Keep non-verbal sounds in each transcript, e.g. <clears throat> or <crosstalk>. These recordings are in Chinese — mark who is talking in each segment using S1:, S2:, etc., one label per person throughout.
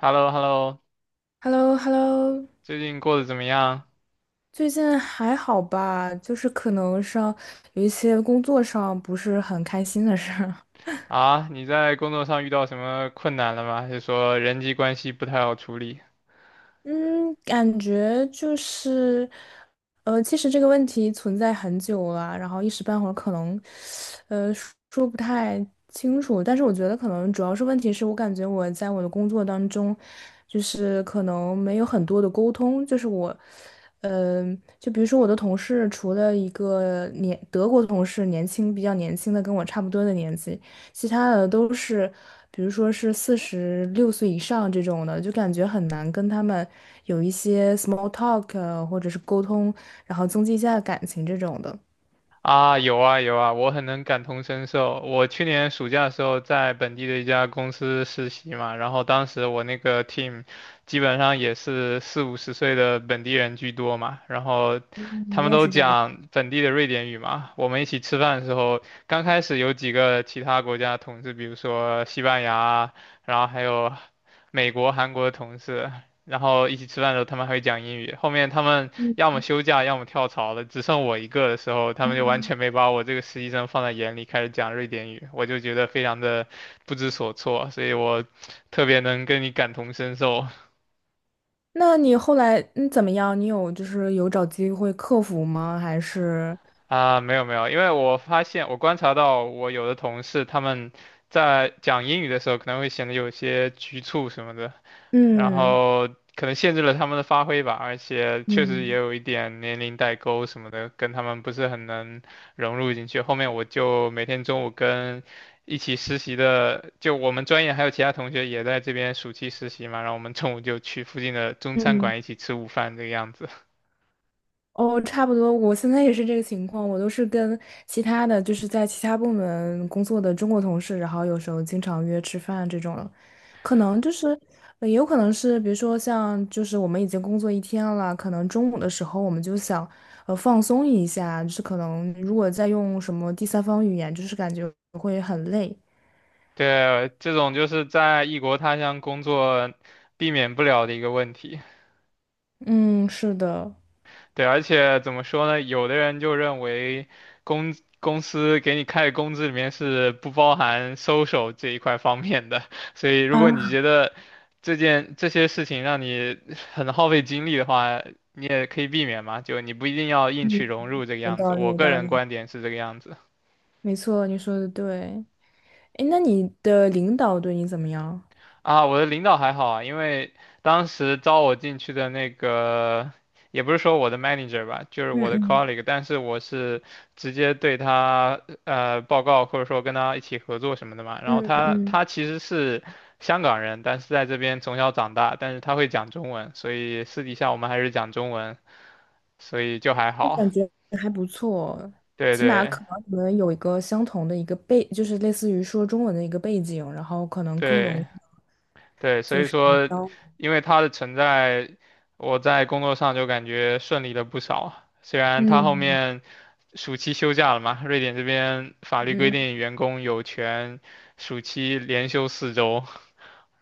S1: Hello hello。
S2: h e l l o h e l l o
S1: 最近过得怎么样？
S2: 最近还好吧？就是可能上有一些工作上不是很开心的事儿。
S1: 啊？你在工作上遇到什么困难了吗？还是说人际关系不太好处理？
S2: 嗯，感觉就是，其实这个问题存在很久了，然后一时半会儿可能，呃，说不太清楚。但是我觉得可能主要是问题是我感觉我在我的工作当中，就是可能没有很多的沟通，就是我，就比如说我的同事，除了一个德国同事，年轻比较年轻的，跟我差不多的年纪。其他的都是，比如说是46岁以上这种的，就感觉很难跟他们有一些 small talk 或者是沟通，然后增进一下感情这种的。
S1: 啊，有啊有啊，我很能感同身受。我去年暑假的时候在本地的一家公司实习嘛，然后当时我那个 team 基本上也是四五十岁的本地人居多嘛，然后
S2: 嗯，
S1: 他
S2: 你
S1: 们
S2: 也
S1: 都
S2: 是这样的。
S1: 讲本地的瑞典语嘛。我们一起吃饭的时候，刚开始有几个其他国家的同事，比如说西班牙啊，然后还有美国、韩国的同事，然后一起吃饭的时候他们还会讲英语。后面他们要么休假，要么跳槽了，只剩我一个的时候，他们就完全没把我这个实习生放在眼里，开始讲瑞典语，我就觉得非常的不知所措，<laughs> 所以我特别能跟你感同身受。
S2: 那你后来怎么样？你有就是有找机会克服吗？还是
S1: 啊，没有没有，因为我发现我观察到我有的同事他们在讲英语的时候可能会显得有些局促什么的，然
S2: 嗯
S1: 后可能限制了他们的发挥吧，而且确实也
S2: 嗯。
S1: 有一点年龄代沟什么的，跟他们不是很能融入进去。后面我就每天中午跟一起实习的，就我们专业还有其他同学也在这边暑期实习嘛，然后我们中午就去附近的中餐
S2: 嗯。
S1: 馆一起吃午饭这个样子。<laughs>
S2: 哦，差不多，我现在也是这个情况，我都是跟其他的，就是在其他部门工作的中国同事，然后有时候经常约吃饭这种，可能就是，也有可能是，比如说像就是我们已经工作一天了，可能中午的时候我们就想，放松一下，就是可能如果再用什么第三方语言，就是感觉会很累。
S1: 对，这种就是在异国他乡工作避免不了的一个问题。
S2: 嗯，是的。
S1: 对，而且怎么说呢？有的人就认为公司给你开的工资里面是不包含 social 这一块方面的，所以如果你
S2: 啊，
S1: 觉得这些事情让你很耗费精力的话，你也可以避免嘛，就你不一定要硬去
S2: 嗯，
S1: 融入这个
S2: 有
S1: 样子。
S2: 道理，
S1: 我
S2: 有
S1: 个
S2: 道
S1: 人
S2: 理，
S1: 观点是这个样子。
S2: 没错，你说的对。哎，那你的领导对你怎么样？
S1: 啊，我的领导还好啊，因为当时招我进去的那个，也不是说我的 manager 吧，就是
S2: 嗯
S1: 我的
S2: 嗯。
S1: colleague，但是我是直接对他报告，或者说跟他一起合作什么的嘛。然后
S2: 嗯
S1: 他
S2: 嗯，
S1: 他其实是香港人，但是在这边从小长大，但是他会讲中文，所以私底下我们还是讲中文，所以就还
S2: 那
S1: 好。
S2: 感觉还不错，
S1: 对
S2: 起码
S1: 对
S2: 可能你们有一个相同的一个背，就是类似于说中文的一个背景，然后可能更容
S1: 对。
S2: 易
S1: 对，所以说，
S2: 交。
S1: 因为他的存在，我在工作上就感觉顺利了不少。虽然他后
S2: 嗯
S1: 面暑期休假了嘛，瑞典这边法律规
S2: 嗯
S1: 定员工有权暑期连休4周，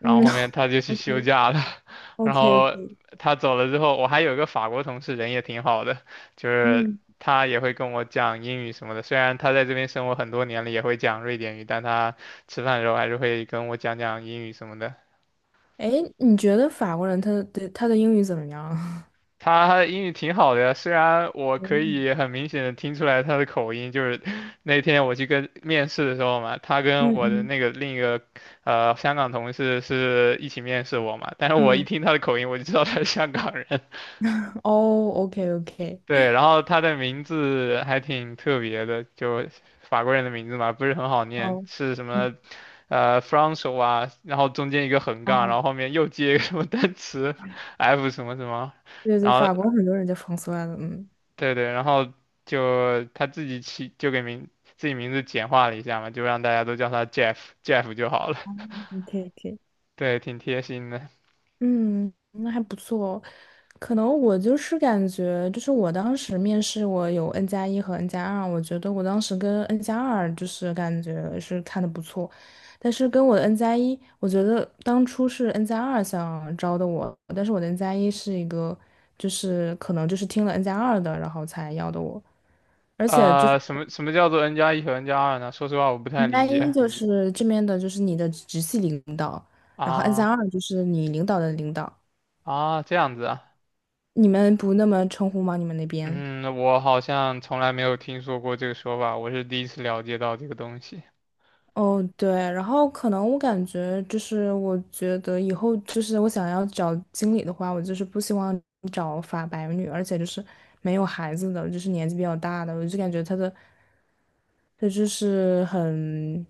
S1: 然后后面他就去
S2: o
S1: 休
S2: k
S1: 假了。<laughs>
S2: o
S1: 然
S2: k o
S1: 后
S2: k
S1: 他走了之后，我还有一个法国同事，人也挺好的，就
S2: <laughs>
S1: 是
S2: 嗯，
S1: 他也会跟我讲英语什么的。虽然他在这边生活很多年了，也会讲瑞典语，但他吃饭的时候还是会跟我讲讲英语什么的。
S2: 哎，你觉得法国人他的英语怎么样？<laughs>
S1: 他英语挺好的呀，虽然我可
S2: 嗯
S1: 以很明显的听出来他的口音，就是 <laughs> 那天我去跟面试的时候嘛，他
S2: 嗯
S1: 跟我的
S2: 嗯，
S1: 那个另一个香港同事是一起面试我嘛，但是我一
S2: 嗯
S1: 听他的口音，我就知道他是香港人。<laughs>
S2: 哦，OK OK，
S1: 对，然后他的名字还挺特别的，就法国人的名字嘛，不是很好念，
S2: 哦，
S1: 是什
S2: 嗯
S1: 么f r a n ç o 啊然后中间一个横杠，然
S2: 哦，
S1: 后后面又接一个什么单词 <laughs> F 什么什么，
S2: 对
S1: 然
S2: 对，
S1: 后
S2: 法国很多人叫 f r a n 嗯
S1: 对对，然后就他自己名字简化了一下嘛，就让大家都叫他 Jeff，Jeff 就好了。<laughs>
S2: ，OK OK。
S1: 对，挺贴心的。
S2: 嗯，那还不错。可能我就是感觉，就是我当时面试，我有 N 加一和 N 加二，我觉得我当时跟 N 加二就是感觉是看的不错，但是跟我的 N 加一，我觉得当初是 N 加二想招的我，但是我的 N 加一是一个，就是可能就是听了 N 加二的，然后才要的我，而且就是
S1: 什么叫做 n 加一和 n 加二呢？说实话，我不太
S2: N
S1: 理
S2: 加一
S1: 解。
S2: 就是这边的，就是你的直系领导，然后 N 加
S1: 啊
S2: 二就是你领导的领导。
S1: 啊，这样子啊。
S2: 你们不那么称呼吗？你们那边？
S1: 嗯，我好像从来没有听说过这个说法，我是第一次了解到这个东西。
S2: 哦，对，然后可能我感觉就是，我觉得以后就是我想要找经理的话，我就是不希望找法白女，而且就是没有孩子的，就是年纪比较大的，我就感觉她就是很，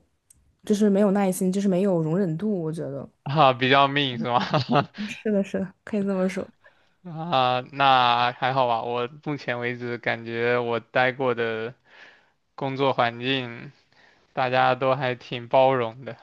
S2: 就是没有耐心，就是没有容忍度，我觉得。
S1: 啊，比较命是吗？<laughs>
S2: 是的，是的，可以这么说。
S1: 啊，那还好吧。我目前为止感觉我待过的工作环境，大家都还挺包容的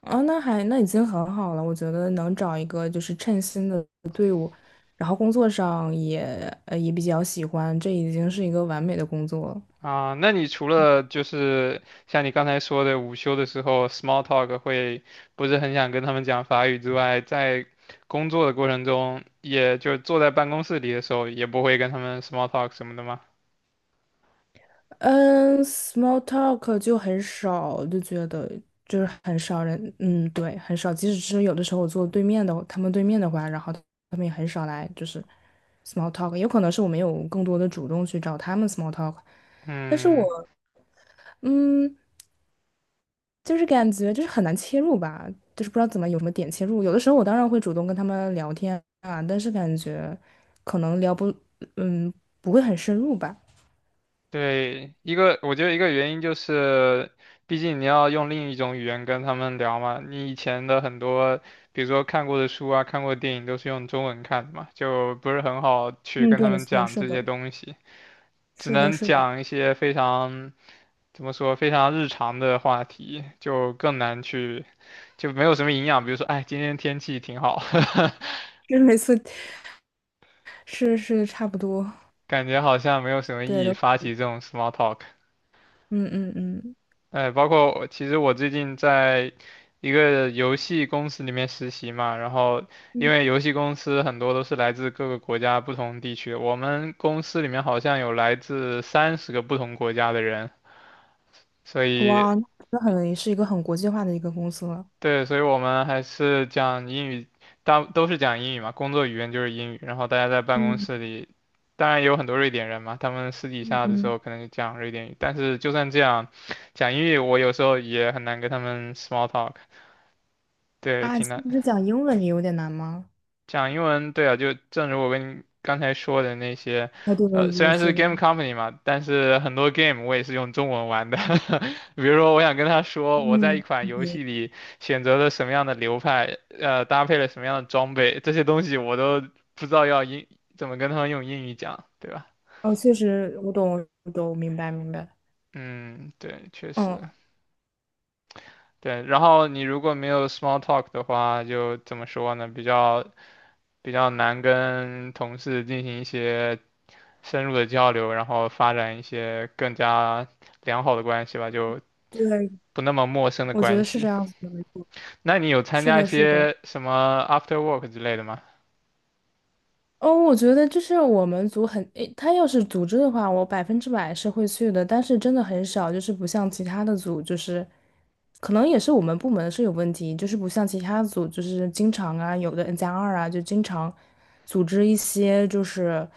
S2: 啊，那已经很好了，我觉得能找一个就是称心的队伍，然后工作上也也比较喜欢，这已经是一个完美的工作了。
S1: 啊。那你除了就是像你刚才说的午休的时候 small talk 会不是很想跟他们讲法语之外，在工作的过程中，也就坐在办公室里的时候，也不会跟他们 small talk 什么的吗？
S2: 嗯，small talk 就很少，就觉得就是很少人，嗯，对，很少。即使是有的时候我坐对面的，他们对面的话，然后他们也很少来，就是 small talk。有可能是我没有更多的主动去找他们 small talk，但是
S1: 嗯。
S2: 我，嗯。就是感觉就是很难切入吧，就是不知道怎么有什么点切入。有的时候我当然会主动跟他们聊天啊，但是感觉可能聊不，嗯，不会很深入吧。
S1: 对，一个我觉得一个原因就是，毕竟你要用另一种语言跟他们聊嘛。你以前的很多，比如说看过的书啊、看过的电影，都是用中文看的嘛，就不是很好去
S2: 嗯，
S1: 跟他
S2: 对，没
S1: 们
S2: 错，
S1: 讲
S2: 是
S1: 这些
S2: 的，
S1: 东西，只
S2: 是的，
S1: 能
S2: 是的
S1: 讲一些非常怎么说非常日常的话题，就更难去，就没有什么营养。比如说，哎，今天天气挺好，
S2: <laughs>，就是每次是差不多，
S1: <laughs> 感觉好像没有什么
S2: 对
S1: 意义
S2: 的，
S1: 发起这种 small talk。
S2: 嗯嗯嗯
S1: 哎，包括我其实我最近在一个游戏公司里面实习嘛，然后因
S2: 嗯，
S1: 为游戏公司很多都是来自各个国家不同地区的，我们公司里面好像有来自30个不同国家的人，所以
S2: 哇，那很是一个很国际化的一个公司了。
S1: 对，所以我们还是讲英语，大都是讲英语嘛，工作语言就是英语，然后大家在办公
S2: 嗯
S1: 室里，当然也有很多瑞典人嘛，他们私底
S2: 嗯
S1: 下的时
S2: 嗯，
S1: 候可能就讲瑞典语，但是就算这样，讲英语我有时候也很难跟他们 small talk。对，
S2: 啊，
S1: 挺
S2: 其
S1: 难
S2: 实讲英文也有点难吗？
S1: 讲英文。对啊，就正如我跟你刚才说的那些，
S2: 啊，对对
S1: 虽
S2: 对，
S1: 然是
S2: 是的，
S1: game company 嘛，但是很多 game 我也是用中文玩的。<laughs> 比如说，我想跟他说我在
S2: 嗯
S1: 一款游
S2: o
S1: 戏里选择了什么样的流派，搭配了什么样的装备，这些东西我都不知道怎么跟他们用英语讲，对吧？
S2: 哦，确实，我懂，我懂，明白明白。
S1: 嗯，对，确
S2: 嗯，
S1: 实，对。然后你如果没有 small talk 的话，就怎么说呢？比较难跟同事进行一些深入的交流，然后发展一些更加良好的关系吧，就
S2: 对，
S1: 不那么陌生的
S2: 我觉
S1: 关
S2: 得是这
S1: 系。
S2: 样子的，没错。
S1: 那你有参
S2: 是
S1: 加一
S2: 的，是的，
S1: 些什么 after work 之类的吗？
S2: 哦，我觉得就是我们组很，诶，他要是组织的话，我100%是会去的，但是真的很少，就是不像其他的组，就是可能也是我们部门是有问题，就是不像其他组，就是经常啊，有的 N 加二啊，就经常组织一些就是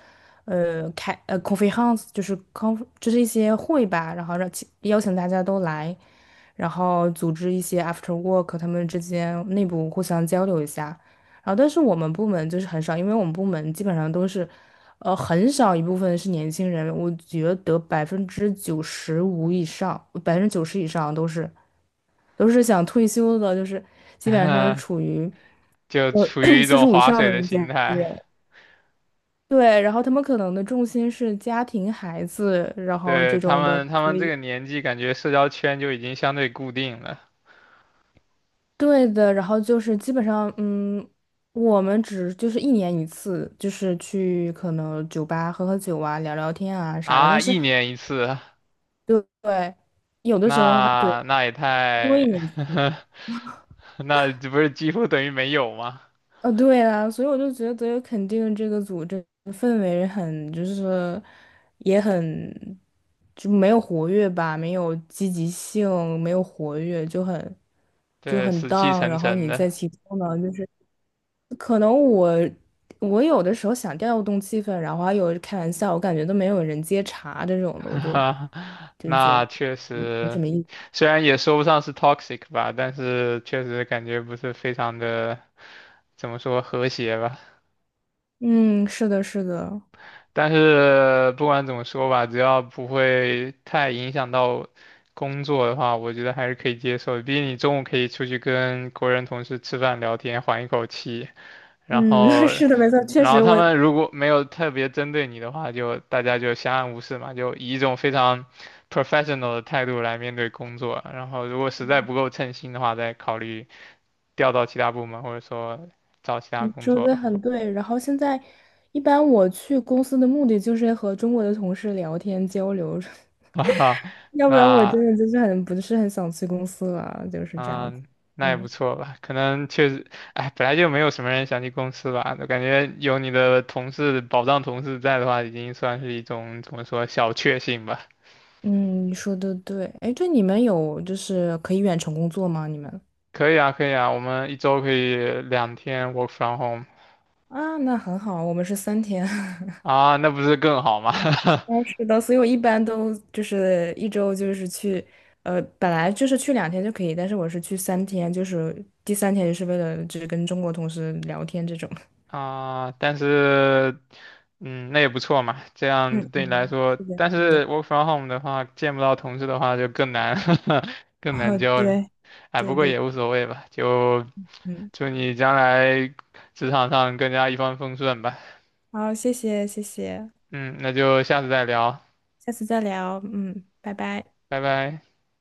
S2: 开conference，就是就是一些会吧，然后让其邀请大家都来，然后组织一些 after work，他们之间内部互相交流一下。然后，但是我们部门就是很少，因为我们部门基本上都是，很少一部分是年轻人，我觉得95%以上，百分之九十以上都是想退休的，就是基本上是处
S1: <laughs>
S2: 于
S1: 就
S2: 呃
S1: 处于一
S2: 四十
S1: 种
S2: 五 <clears throat> 以
S1: 划
S2: 上
S1: 水
S2: 的
S1: 的
S2: 中间
S1: 心
S2: 人。
S1: 态。
S2: 对，然后他们可能的重心是家庭、孩子，然后
S1: 对，
S2: 这种的，
S1: 他
S2: 所
S1: 们这
S2: 以。
S1: 个年纪，感觉社交圈就已经相对固定了
S2: 对的，然后就是基本上，嗯，我们只就是一年一次，就是去可能酒吧喝喝酒啊，聊聊天啊啥的。
S1: 啊，
S2: 但是，
S1: 一年一次，
S2: 对对，有的时候还对
S1: 那也
S2: 多一
S1: 太，
S2: 年一次，
S1: <laughs> 那这不是几乎等于没有吗？
S2: 对啊，所以我就觉得肯定这个组这个氛围很就是也很就没有活跃吧，没有积极性，没有活跃，就
S1: 对，
S2: 很
S1: 死气
S2: down。
S1: 沉
S2: 然后
S1: 沉
S2: 你在
S1: 的。
S2: 其中呢，就是。可能我有的时候想调动气氛，然后还有开玩笑，我感觉都没有人接茬这种的，我都
S1: 哈，<laughs>
S2: 就觉
S1: 那
S2: 得
S1: 确
S2: 没什
S1: 实，
S2: 么意思。
S1: 虽然也说不上是 toxic 吧，但是确实感觉不是非常的，怎么说和谐吧。
S2: 嗯，是的，是的，
S1: 但是不管怎么说吧，只要不会太影响到工作的话，我觉得还是可以接受的。毕竟你中午可以出去跟国人同事吃饭聊天，缓一口气。然
S2: 嗯，<laughs>
S1: 后，
S2: 是的，没错，确
S1: 然后
S2: 实
S1: 他们如果没有特别针对你的话，就大家就相安无事嘛，就以一种非常 professional 的态度来面对工作。然后，如果实在不够称心的话，再考虑调到其他部门，或者说找其他
S2: 你
S1: 工
S2: 说
S1: 作
S2: 的
S1: 吧。
S2: 很对。然后现在一般我去公司的目的就是和中国的同事聊天交流，
S1: <laughs> 啊，
S2: <laughs> 要不然我真
S1: 那
S2: 的就是不是很想去公司了，就是这样子。
S1: 嗯，那也不
S2: 嗯
S1: 错吧。可能确实，哎，本来就没有什么人想去公司吧。我感觉有你的同事，保障同事在的话，已经算是一种怎么说小确幸吧。
S2: 嗯，你说的对。哎，对，你们有就是可以远程工作吗？你们？
S1: 可以啊，可以啊，我们一周可以2天 work from home
S2: 啊，那很好，我们是三天。<laughs>
S1: 啊，那不是更好吗？
S2: 哦，是的，所以我一般都就是一周就是去，本来就是去2天就可以，但是我是去三天，就是第三天就是为了只跟中国同事聊天这种。
S1: <laughs> 啊，但是，嗯，那也不错嘛，这
S2: 嗯
S1: 样对你来
S2: 嗯，
S1: 说，
S2: 是的，
S1: 但
S2: 是的。
S1: 是 work from home 的话，见不到同事的话就更难，<laughs> 更
S2: 哦，
S1: 难交流。
S2: 对，
S1: 哎，不
S2: 对
S1: 过
S2: 对，
S1: 也无所谓吧，就
S2: 嗯，
S1: 祝你将来职场上更加一帆风顺吧。
S2: 好，谢谢谢谢，
S1: 嗯，那就下次再聊，
S2: 下次再聊，嗯，拜拜。
S1: 拜拜。